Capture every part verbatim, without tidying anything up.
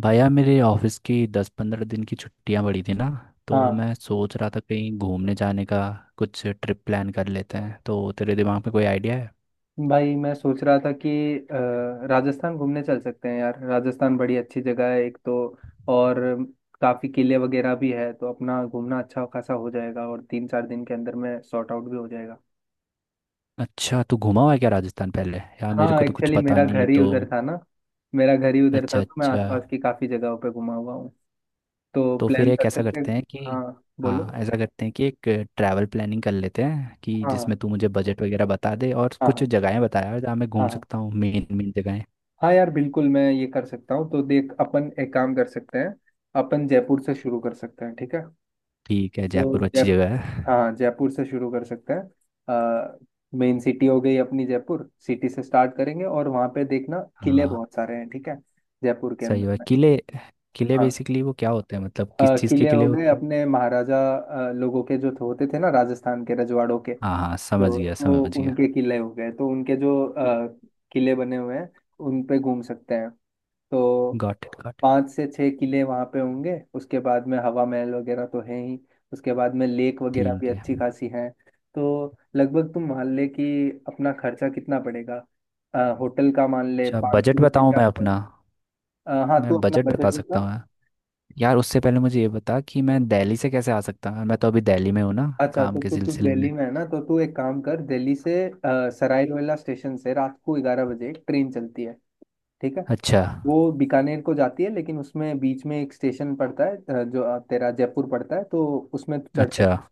भैया, मेरे ऑफिस की दस पंद्रह दिन की छुट्टियां पड़ी थी ना। तो हाँ मैं सोच रहा था कहीं घूमने जाने का, कुछ ट्रिप प्लान कर लेते हैं। तो तेरे दिमाग में कोई आइडिया है? भाई मैं सोच रहा था कि अ, राजस्थान घूमने चल सकते हैं यार। राजस्थान बड़ी अच्छी जगह है एक तो, और काफ़ी किले वगैरह भी है, तो अपना घूमना अच्छा खासा हो जाएगा और तीन चार दिन के अंदर में सॉर्ट आउट भी हो जाएगा। अच्छा, तू घूमा हुआ है क्या राजस्थान पहले? यार मेरे हाँ को तो कुछ एक्चुअली पता मेरा नहीं है घर ही तो। उधर था ना, मेरा घर ही उधर था, अच्छा तो मैं अच्छा। आसपास की काफ़ी जगहों पे घुमा हुआ हूँ, तो तो फिर प्लान एक कर ऐसा सकते हैं। करते हैं कि, हाँ हाँ बोलो। ऐसा करते हैं कि एक ट्रैवल प्लानिंग कर लेते हैं, कि हाँ जिसमें तू मुझे बजट वगैरह बता दे और हाँ कुछ हाँ जगहें बता यार जहाँ मैं हाँ घूम हाँ हाँ। सकता हूँ, मेन मेन जगहें। हाँ यार बिल्कुल मैं ये कर सकता हूँ, तो देख अपन एक काम कर सकते हैं। अपन जयपुर से शुरू कर सकते हैं, ठीक है। ठीक है, तो जयपुर अच्छी जयपुर, जगह है। हाँ जयपुर से शुरू कर सकते हैं। मेन सिटी हो गई अपनी, जयपुर सिटी से स्टार्ट करेंगे और वहाँ पे देखना किले हाँ। बहुत सारे हैं, ठीक है, जयपुर के सही हुआ अंदर में। किले। किले हाँ बेसिकली वो क्या होते हैं, मतलब अ, किस चीज़ के किले किले हो गए होते हैं? अपने महाराजा अ, लोगों के जो थे- होते थे ना, राजस्थान के रजवाड़ों के, हाँ हाँ, समझ तो गया तो समझ गया। उनके किले हो गए, तो उनके जो अ, किले बने हुए हैं उन पे घूम सकते हैं। तो गॉट इट गॉट इट। पाँच से छः किले वहाँ पे होंगे, उसके बाद में हवा महल वगैरह तो है ही, उसके बाद में लेक वगैरह भी ठीक है। अच्छी खासी है। तो लगभग तुम मान ले कि अपना खर्चा कितना पड़ेगा। अ, होटल का मान ले अच्छा पाँच सौ बजट रुपये बताऊँ के मैं आसपास। अपना? अ, हाँ तू मैं अपना बजट बता बजट सकता बता। हूँ यार। उससे पहले मुझे ये बता कि मैं दिल्ली से कैसे आ सकता हूँ, मैं तो अभी दिल्ली में हूँ ना, अच्छा काम तो के तू तू सिलसिले में। दिल्ली में है ना, तो तू एक काम कर, दिल्ली से अ, सराय रोहिला स्टेशन से रात को ग्यारह बजे एक ट्रेन चलती है, ठीक है। अच्छा। वो बीकानेर को जाती है, लेकिन उसमें बीच में एक स्टेशन पड़ता है अ, जो अ, तेरा जयपुर पड़ता है, तो उसमें तू चढ़ अच्छा सकती है,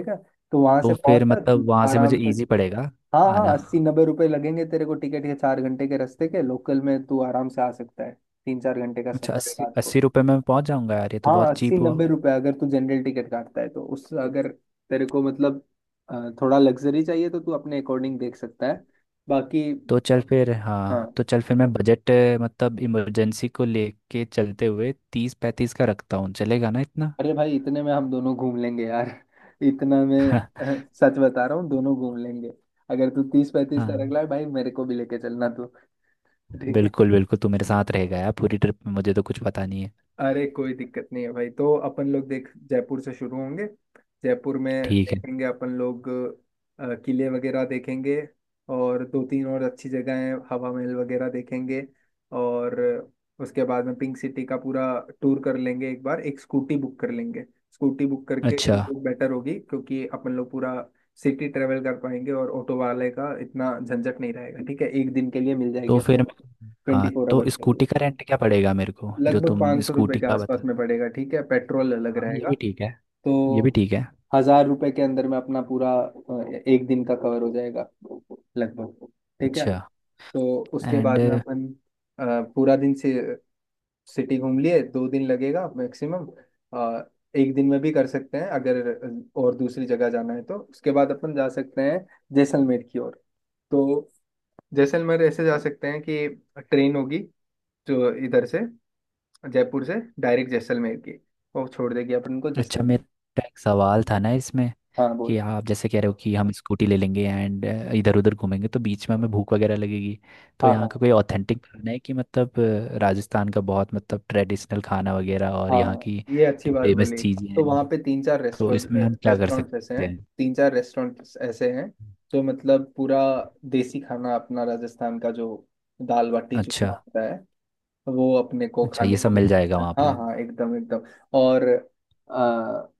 ठीक है। तो वहां तो से फिर मतलब पहुंचकर वहाँ से मुझे आराम से। इजी पड़ेगा हाँ हाँ, आना। अस्सी नब्बे रुपए लगेंगे तेरे को टिकट के, चार घंटे के रास्ते के, लोकल में तू आराम से आ सकता है, तीन चार घंटे का अच्छा, सफर है अस्सी रात को। अस्सी रुपये में पहुँच जाऊँगा यार, ये तो हाँ बहुत अस्सी चीप हुआ। नब्बे रुपए अगर तू जनरल टिकट काटता है तो, उस अगर तेरे को मतलब अ, थोड़ा लग्जरी चाहिए तो तू अपने अकॉर्डिंग देख सकता है बाकी। तो चल फिर हाँ हाँ तो चल फिर मैं बजट अ, मतलब इमरजेंसी को लेके चलते हुए तीस पैंतीस का रखता हूँ, चलेगा ना इतना? अरे भाई, इतने में हम दोनों घूम लेंगे यार इतना में। अह, सच बता रहा हूँ दोनों घूम लेंगे। अगर तू तीस पैंतीस का रख हाँ रहा है भाई, मेरे को भी लेके चलना तू, ठीक। बिल्कुल बिल्कुल, तू मेरे साथ रहेगा यार पूरी ट्रिप में, मुझे तो कुछ पता नहीं है। अरे कोई दिक्कत नहीं है भाई, तो अपन लोग देख जयपुर से शुरू होंगे, जयपुर में ठीक है। देखेंगे अपन लोग अ, किले वगैरह देखेंगे, और दो तीन और अच्छी जगह हैं हवा महल वगैरह देखेंगे, और उसके बाद में पिंक सिटी का पूरा टूर कर लेंगे, एक बार एक स्कूटी बुक कर लेंगे। स्कूटी बुक करके अच्छा। वो बेटर होगी, क्योंकि अपन लोग पूरा सिटी ट्रेवल कर पाएंगे और ऑटो वाले का इतना झंझट नहीं रहेगा, ठीक है, एक दिन के लिए मिल जाएगी तो अपने फिर को। मैं ट्वेंटी हाँ, फोर तो आवर्स के लिए स्कूटी का रेंट क्या पड़ेगा मेरे को, जो लगभग तुम पाँच सौ रुपये स्कूटी के का आसपास बता। में पड़ेगा, ठीक है, पेट्रोल अलग हाँ ये रहेगा। भी ठीक है। तो ये भी ठीक है। हजार रुपये के अंदर में अपना पूरा अ, एक दिन का कवर हो जाएगा लगभग, ठीक है। अच्छा। तो उसके एंड। बाद में अपन अ, पूरा दिन से सिटी घूम लिए, दो दिन लगेगा मैक्सिमम। अ, एक दिन में भी कर सकते हैं अगर, और दूसरी जगह जाना है तो उसके बाद अपन जा सकते हैं जैसलमेर की ओर। तो जैसलमेर ऐसे जा सकते हैं कि ट्रेन होगी जो इधर से, जयपुर से डायरेक्ट जैसलमेर की, वो छोड़ देगी अपन को अच्छा, जैसलमेर। मेरा एक सवाल था ना इसमें, हाँ कि बोल। आप जैसे कह रहे हो कि हम स्कूटी ले लेंगे एंड इधर उधर घूमेंगे, तो बीच में हमें भूख वगैरह लगेगी, तो हाँ यहाँ का हाँ कोई ऑथेंटिक खाना है कि मतलब, अ, राजस्थान का बहुत मतलब ट्रेडिशनल खाना वगैरह, और यहाँ हाँ, की ये अच्छी जो बात फेमस बोली। चीज़ें तो हैं, वहाँ पे तीन चार तो रेस्टोरेंट इसमें हम क्या कर रेस्टोरेंट्स ऐसे सकते हैं, हैं? तीन चार रेस्टोरेंट्स ऐसे हैं जो मतलब पूरा देसी खाना अपना, राजस्थान का जो दाल बाटी अच्छा। चूरमा होता है वो अपने को अच्छा खाने ये को सब मिल जाएगा मिलता है। वहाँ हाँ पे? हाँ, एकदम एकदम। और अ,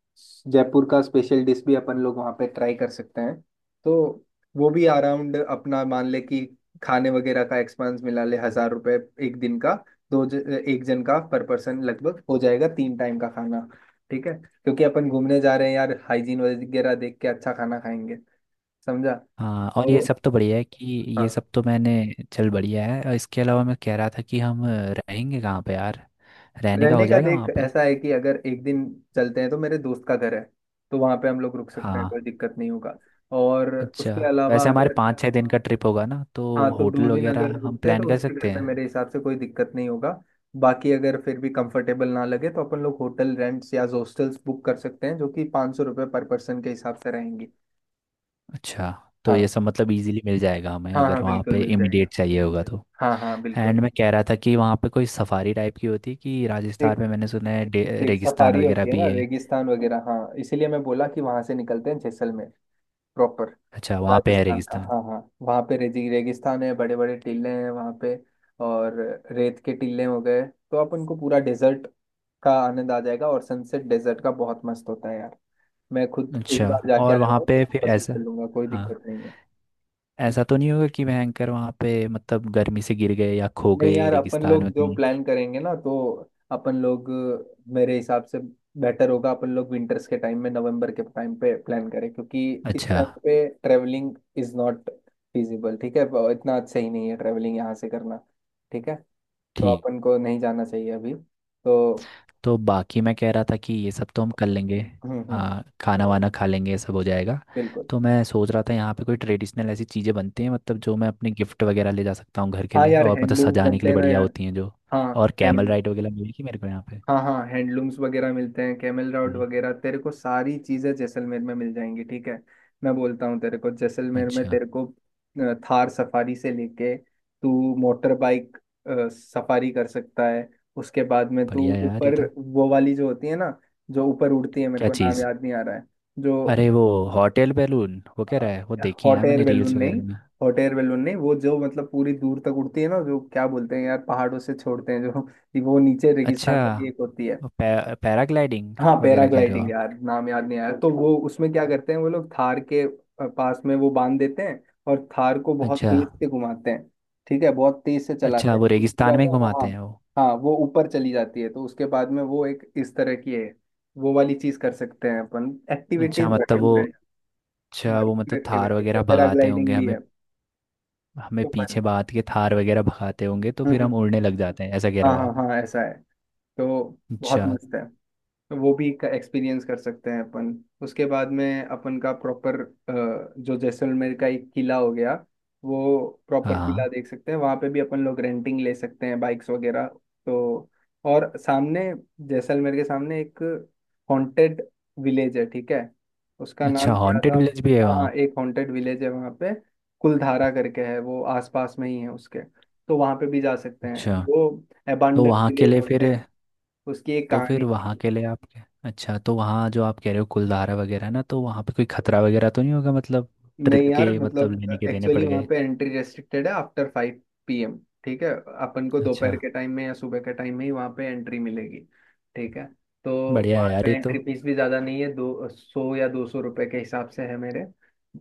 जयपुर का स्पेशल डिश भी अपन लोग वहाँ पे ट्राई कर सकते हैं। तो वो भी अराउंड, अपना मान ले कि खाने वगैरह का एक्सपेंस मिला ले हजार रुपए एक दिन का, दो ज, एक जन का पर पर्सन लगभग हो जाएगा, तीन टाइम का खाना, ठीक है, क्योंकि अपन घूमने जा रहे हैं यार, हाइजीन वगैरह देख के अच्छा खाना खाएंगे, समझा। हाँ। और ये तो सब तो बढ़िया है कि, ये हाँ, सब तो मैंने, चल बढ़िया है। और इसके अलावा मैं कह रहा था कि हम अ, रहेंगे कहाँ पे यार? रहने का रहने हो का जाएगा देख वहाँ पे? ऐसा है कि अगर एक दिन चलते हैं तो मेरे दोस्त का घर है, तो वहां पे हम लोग रुक सकते हैं, कोई हाँ। दिक्कत नहीं होगा। और अच्छा। उसके अलावा वैसे हमारे अगर, पाँच छः दिन, हाँ, का ट्रिप होगा ना, तो हाँ तो दो होटल दिन वगैरह अगर हम रुकते हैं तो प्लान कर उसके सकते घर पे हैं। मेरे हिसाब से कोई दिक्कत नहीं होगा। बाकी अगर फिर भी कंफर्टेबल ना लगे तो अपन लोग होटल रेंट्स या हॉस्टल्स बुक कर सकते हैं, जो कि पाँच सौ रुपये पर पर्सन के हिसाब से रहेंगी। अच्छा, तो ये हाँ सब मतलब इजीली मिल जाएगा हमें, हाँ अगर हाँ, वहाँ बिल्कुल पे मिल जाएगा। इमीडिएट चाहिए होगा तो? हाँ हाँ एंड बिल्कुल। मैं कह रहा था कि वहाँ पे कोई सफारी टाइप की होती है कि, राजस्थान देख, में मैंने सुना है डे- देख रेगिस्तान सफारी वगैरह होती है भी ना है। रेगिस्तान वगैरह, हाँ इसीलिए मैं बोला कि वहां से निकलते हैं जैसलमेर प्रॉपर अच्छा, वहाँ पे है राजस्थान का। रेगिस्तान। हाँ हाँ, वहाँ पे रेगी रेगिस्तान है, बड़े बड़े टीले हैं वहाँ पे, और रेत के टीले हो गए। तो आप उनको पूरा डेजर्ट का आनंद आ जाएगा, और सनसेट डेजर्ट का बहुत मस्त होता है यार, मैं खुद एक अच्छा। बार जाके और आया वहाँ हूँ, तो पे फिर वापस भी ऐसा, चलूंगा, कोई हाँ, दिक्कत नहीं है। ऐसा तो नहीं होगा कि भयंकर वहाँ पे मतलब गर्मी से गिर गए या खो नहीं गए यार, अपन रेगिस्तान लोग में जो कहीं? प्लान करेंगे ना, तो अपन लोग मेरे हिसाब से बेटर होगा अपन लोग विंटर्स के टाइम में, नवंबर के टाइम पे प्लान करें, क्योंकि इस अच्छा। टाइम पे ट्रेवलिंग इज नॉट फिजिबल, ठीक है, वो इतना अच्छा ही नहीं है ट्रेवलिंग यहाँ से करना, ठीक है। तो ठीक। अपन को नहीं जाना चाहिए अभी तो। तो बाकी मैं कह रहा था कि ये सब तो हम कर लेंगे, हम्म हम्म। हाँ, खाना वाना खा लेंगे, ये सब हो जाएगा। बिल्कुल। तो मैं सोच रहा था यहाँ पे कोई ट्रेडिशनल ऐसी चीज़ें बनती हैं मतलब, जो मैं अपने गिफ्ट वगैरह ले जा सकता हूँ घर के हाँ लिए, यार और मतलब हैंडलूम सजाने के बनते लिए हैं ना बढ़िया यार। होती हैं जो। हाँ और कैमल हैंड, राइड वगैरह मिलेगी मेरे को यहाँ पे? हाँ हाँ, हैंडलूम्स वगैरह मिलते हैं, कैमल राउड हम्म। वगैरह, तेरे को सारी चीज़ें जैसलमेर में मिल जाएंगी, ठीक है। मैं बोलता हूँ तेरे को जैसलमेर में अच्छा। तेरे को अ, थार सफारी से लेके तू मोटर बाइक अ, सफारी कर सकता है। उसके बाद में तू बढ़िया यार ये तो। ऊपर वो वाली जो होती है ना, जो ऊपर उड़ती है, मेरे क्या को नाम चीज़? याद नहीं आ रहा है, जो अरे वो होटल बैलून वो कह रहा है, वो देखी है हॉट यार एयर मैंने बैलून रील्स वगैरह नहीं, में। हॉट एयर बैलून नहीं, वो जो मतलब पूरी दूर तक उड़ती है ना, जो क्या बोलते हैं यार, पहाड़ों से छोड़ते हैं जो वो नीचे अच्छा, रेगिस्तान में भी एक होती है। वो पै, पैराग्लाइडिंग हाँ वगैरह कह रहे हो पैराग्लाइडिंग आप? यार, नाम याद नहीं आया, तो वो उसमें क्या करते हैं वो लोग, थार के अ, पास में वो बांध देते हैं और थार को बहुत अच्छा। तेज से घुमाते हैं, ठीक है, बहुत तेज से चलाते अच्छा, हैं, वो उससे क्या रेगिस्तान में होता ही है वो, हाँ घुमाते हैं वो? हाँ, वो ऊपर चली जाती है। तो उसके बाद में वो एक इस तरह की है, वो वाली चीज कर सकते हैं अपन, एक्टिविटीज अच्छा मतलब वो, भरपूर है, अच्छा वो भरपूर मतलब थार एक्टिविटीज है, वगैरह भगाते होंगे पैराग्लाइडिंग भी हमें, है। हमें तो पर पीछे बात के थार वगैरह भगाते होंगे तो हम्म, फिर हम्म, हम उड़ने लग जाते हैं, ऐसा कह रहे हाँ हो हाँ आप? हाँ ऐसा है। तो बहुत अच्छा। मस्त है, तो वो भी एक्सपीरियंस कर सकते हैं अपन। उसके बाद में अपन का प्रॉपर, जो जैसलमेर का एक किला हो गया वो हाँ प्रॉपर किला हाँ। देख सकते हैं, वहाँ पे भी अपन लोग रेंटिंग ले सकते हैं बाइक्स वगैरह। तो और सामने, जैसलमेर के सामने एक हॉन्टेड विलेज है, ठीक है, उसका अच्छा, नाम क्या था। हॉन्टेड विलेज भी है हाँ हाँ, वहाँ? एक हॉन्टेड विलेज है वहाँ पे, कुलधारा करके है, वो आसपास में ही है उसके, तो वहाँ पे भी जा सकते हैं। अच्छा, वो तो एबंडेंट वहाँ के विलेज लिए फिर, बोलते हैं, उसकी एक तो कहानी फिर वहाँ थी। के लिए आप क्या- अच्छा, तो वहाँ जो आप कह रहे हो कुलधारा वगैरह ना, तो वहाँ पे कोई खतरा वगैरह तो नहीं होगा मतलब, नहीं ट्रिप यार के मतलब लेने मतलब के देने पड़ एक्चुअली वहाँ गए? पे एंट्री रेस्ट्रिक्टेड है आफ्टर फाइव पी एम, ठीक है। अपन को अच्छा। दोपहर के टाइम में या सुबह के टाइम में ही वहाँ पे एंट्री मिलेगी, ठीक है। तो बढ़िया वहाँ है यार का ये तो। एंट्री फीस भी ज़्यादा नहीं है, दो सौ या दो सौ रुपये के हिसाब से है मेरे,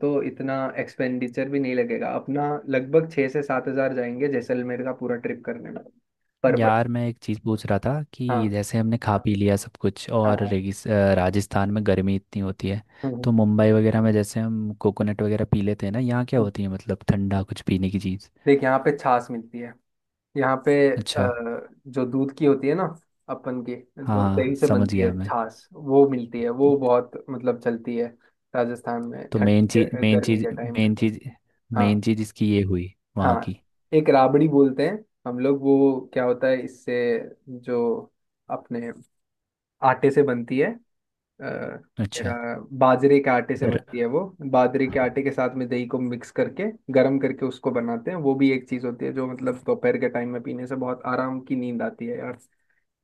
तो इतना एक्सपेंडिचर भी नहीं लगेगा अपना, लगभग छः से सात हज़ार जाएंगे जैसलमेर का पूरा ट्रिप करने में, पर पर्सन। यार मैं एक चीज़ पूछ रहा था कि हाँ जैसे हमने खा पी लिया सब कुछ, हाँ और हाँ। रेगिस- अ, राजस्थान में गर्मी इतनी होती है, हम्म, तो हम्म। मुंबई वगैरह में जैसे हम कोकोनट वगैरह पी लेते हैं ना, यहाँ क्या हम्म। होती है मतलब ठंडा कुछ पीने की चीज़? देख यहाँ पे छाछ मिलती है, यहाँ पे अच्छा। अ, जो दूध की होती है ना अपन की, हाँ जो दही हाँ से समझ बनती गया है मैं। छाछ, वो मिलती है, वो बहुत मतलब चलती है राजस्थान में तो मेन ठंडी चीज़ के- मेन गर्मी चीज़ के टाइम में। मेन चीज़ हाँ मेन चीज़ इसकी ये हुई वहाँ हाँ, की। एक राबड़ी बोलते हैं हम लोग, वो क्या होता है इससे, जो अपने आटे से बनती है, अ, मेरा अच्छा। बाजरे के आटे से बनती है वो, बाजरे के आटे के साथ में दही को मिक्स करके गर्म करके उसको बनाते हैं, वो भी एक चीज होती है जो मतलब दोपहर के टाइम में पीने से बहुत आराम की नींद आती है यार।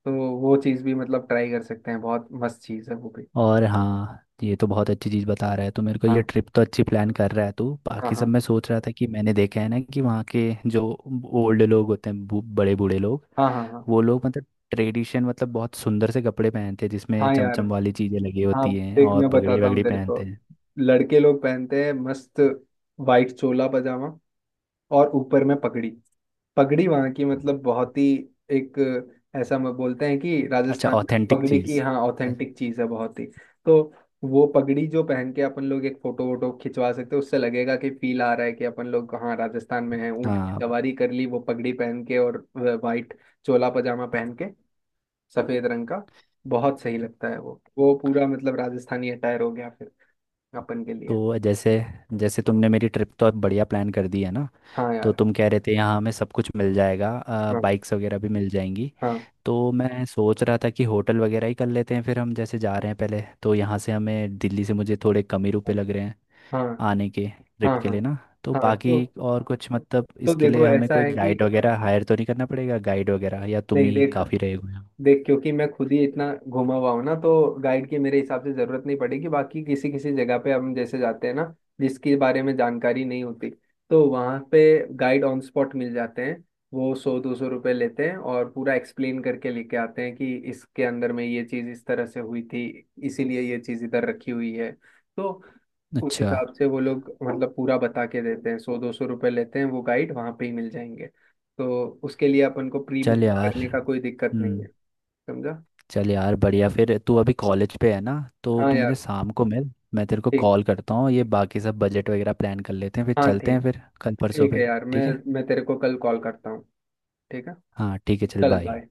तो वो चीज़ भी मतलब ट्राई कर सकते हैं, बहुत मस्त चीज़ है वो भी। और हाँ ये तो बहुत अच्छी चीज़ बता रहा है, तो मेरे को हाँ ये ट्रिप तो अच्छी प्लान कर रहा है तू। हाँ बाकी हाँ सब मैं सोच रहा था कि मैंने देखा है ना कि वहाँ के जो ओल्ड लोग होते हैं, बू- बड़े बूढ़े लोग, हाँ हाँ हाँ। वो लोग मतलब ट्रेडिशन मतलब बहुत सुंदर से कपड़े पहनते हैं, जिसमें हाँ यार, चमचम वाली चीज़ें लगी हाँ, होती हैं देख और मैं पगड़ी बताता हूँ वगड़ी तेरे को, पहनते हैं। लड़के लोग पहनते हैं मस्त वाइट चोला पजामा और ऊपर में पगड़ी। पगड़ी वहाँ की मतलब बहुत ही एक, ऐसा हम बोलते हैं कि अच्छा, राजस्थान में ऑथेंटिक पगड़ी की, चीज़। हाँ अ- ऑथेंटिक चीज़ है बहुत ही। तो वो पगड़ी जो पहन के अपन लोग एक फोटो वोटो खिंचवा सकते हैं, उससे लगेगा कि फील आ रहा है कि अपन लोग हाँ राजस्थान में हैं, ऊँट की हाँ, सवारी कर ली वो पगड़ी पहन के और वाइट चोला पजामा पहन के सफेद रंग का, बहुत सही लगता है। वो वो पूरा मतलब राजस्थानी अटायर हो गया फिर अपन के लिए। तो जैसे, जैसे तुमने मेरी ट्रिप तो अब बढ़िया प्लान कर दी है ना, हाँ तो यार। तुम कह रहे थे यहाँ हमें सब कुछ मिल जाएगा, हाँ बाइक्स वगैरह भी मिल जाएंगी। हाँ तो मैं सोच रहा था कि होटल वगैरह ही कर लेते हैं फिर, हम जैसे जा रहे हैं पहले, तो यहाँ से हमें दिल्ली से मुझे थोड़े कम ही रुपए लग रहे हैं हाँ आने के हाँ ट्रिप के हाँ लिए ना, तो हाँ हाँ, तो बाकी और कुछ मतलब तो इसके लिए देखो हमें ऐसा कोई है कि, गाइड वगैरह हायर तो नहीं करना पड़ेगा, गाइड वगैरह, या तुम नहीं ही देख, काफ़ी रहेगा यहाँ? देख क्योंकि मैं खुद ही इतना घुमा हुआ हूँ ना, तो गाइड की मेरे हिसाब से जरूरत नहीं पड़ेगी, बाकी किसी किसी जगह पे हम जैसे जाते हैं ना, जिसके बारे में जानकारी नहीं होती, तो वहाँ पे गाइड ऑन स्पॉट मिल जाते हैं। वो सौ दो सौ रुपये लेते हैं और पूरा एक्सप्लेन करके लेके आते हैं कि इसके अंदर में ये चीज़ इस तरह से हुई थी, इसीलिए ये चीज़ इधर रखी हुई है, तो उस अच्छा। हिसाब से वो लोग मतलब पूरा बता के देते हैं, सौ दो सौ रुपये लेते हैं वो गाइड, वहाँ पे ही मिल जाएंगे, तो उसके लिए अपन को प्री चल बुकिंग यार। करने का कोई दिक्कत नहीं हम्म। है, समझा। चल यार, बढ़िया फिर। तू अभी कॉलेज पे है ना, तो हाँ तू यार, मुझे शाम को मिल, मैं तेरे को ठीक, कॉल करता हूँ, ये बाकी सब बजट वगैरह प्लान कर लेते हैं, फिर हाँ चलते हैं ठीक, फिर कल परसों ठीक है पे। यार, मैं ठीक है। मैं तेरे को कल कॉल करता हूँ, ठीक है, हाँ ठीक है, चल चल बाय। बाय।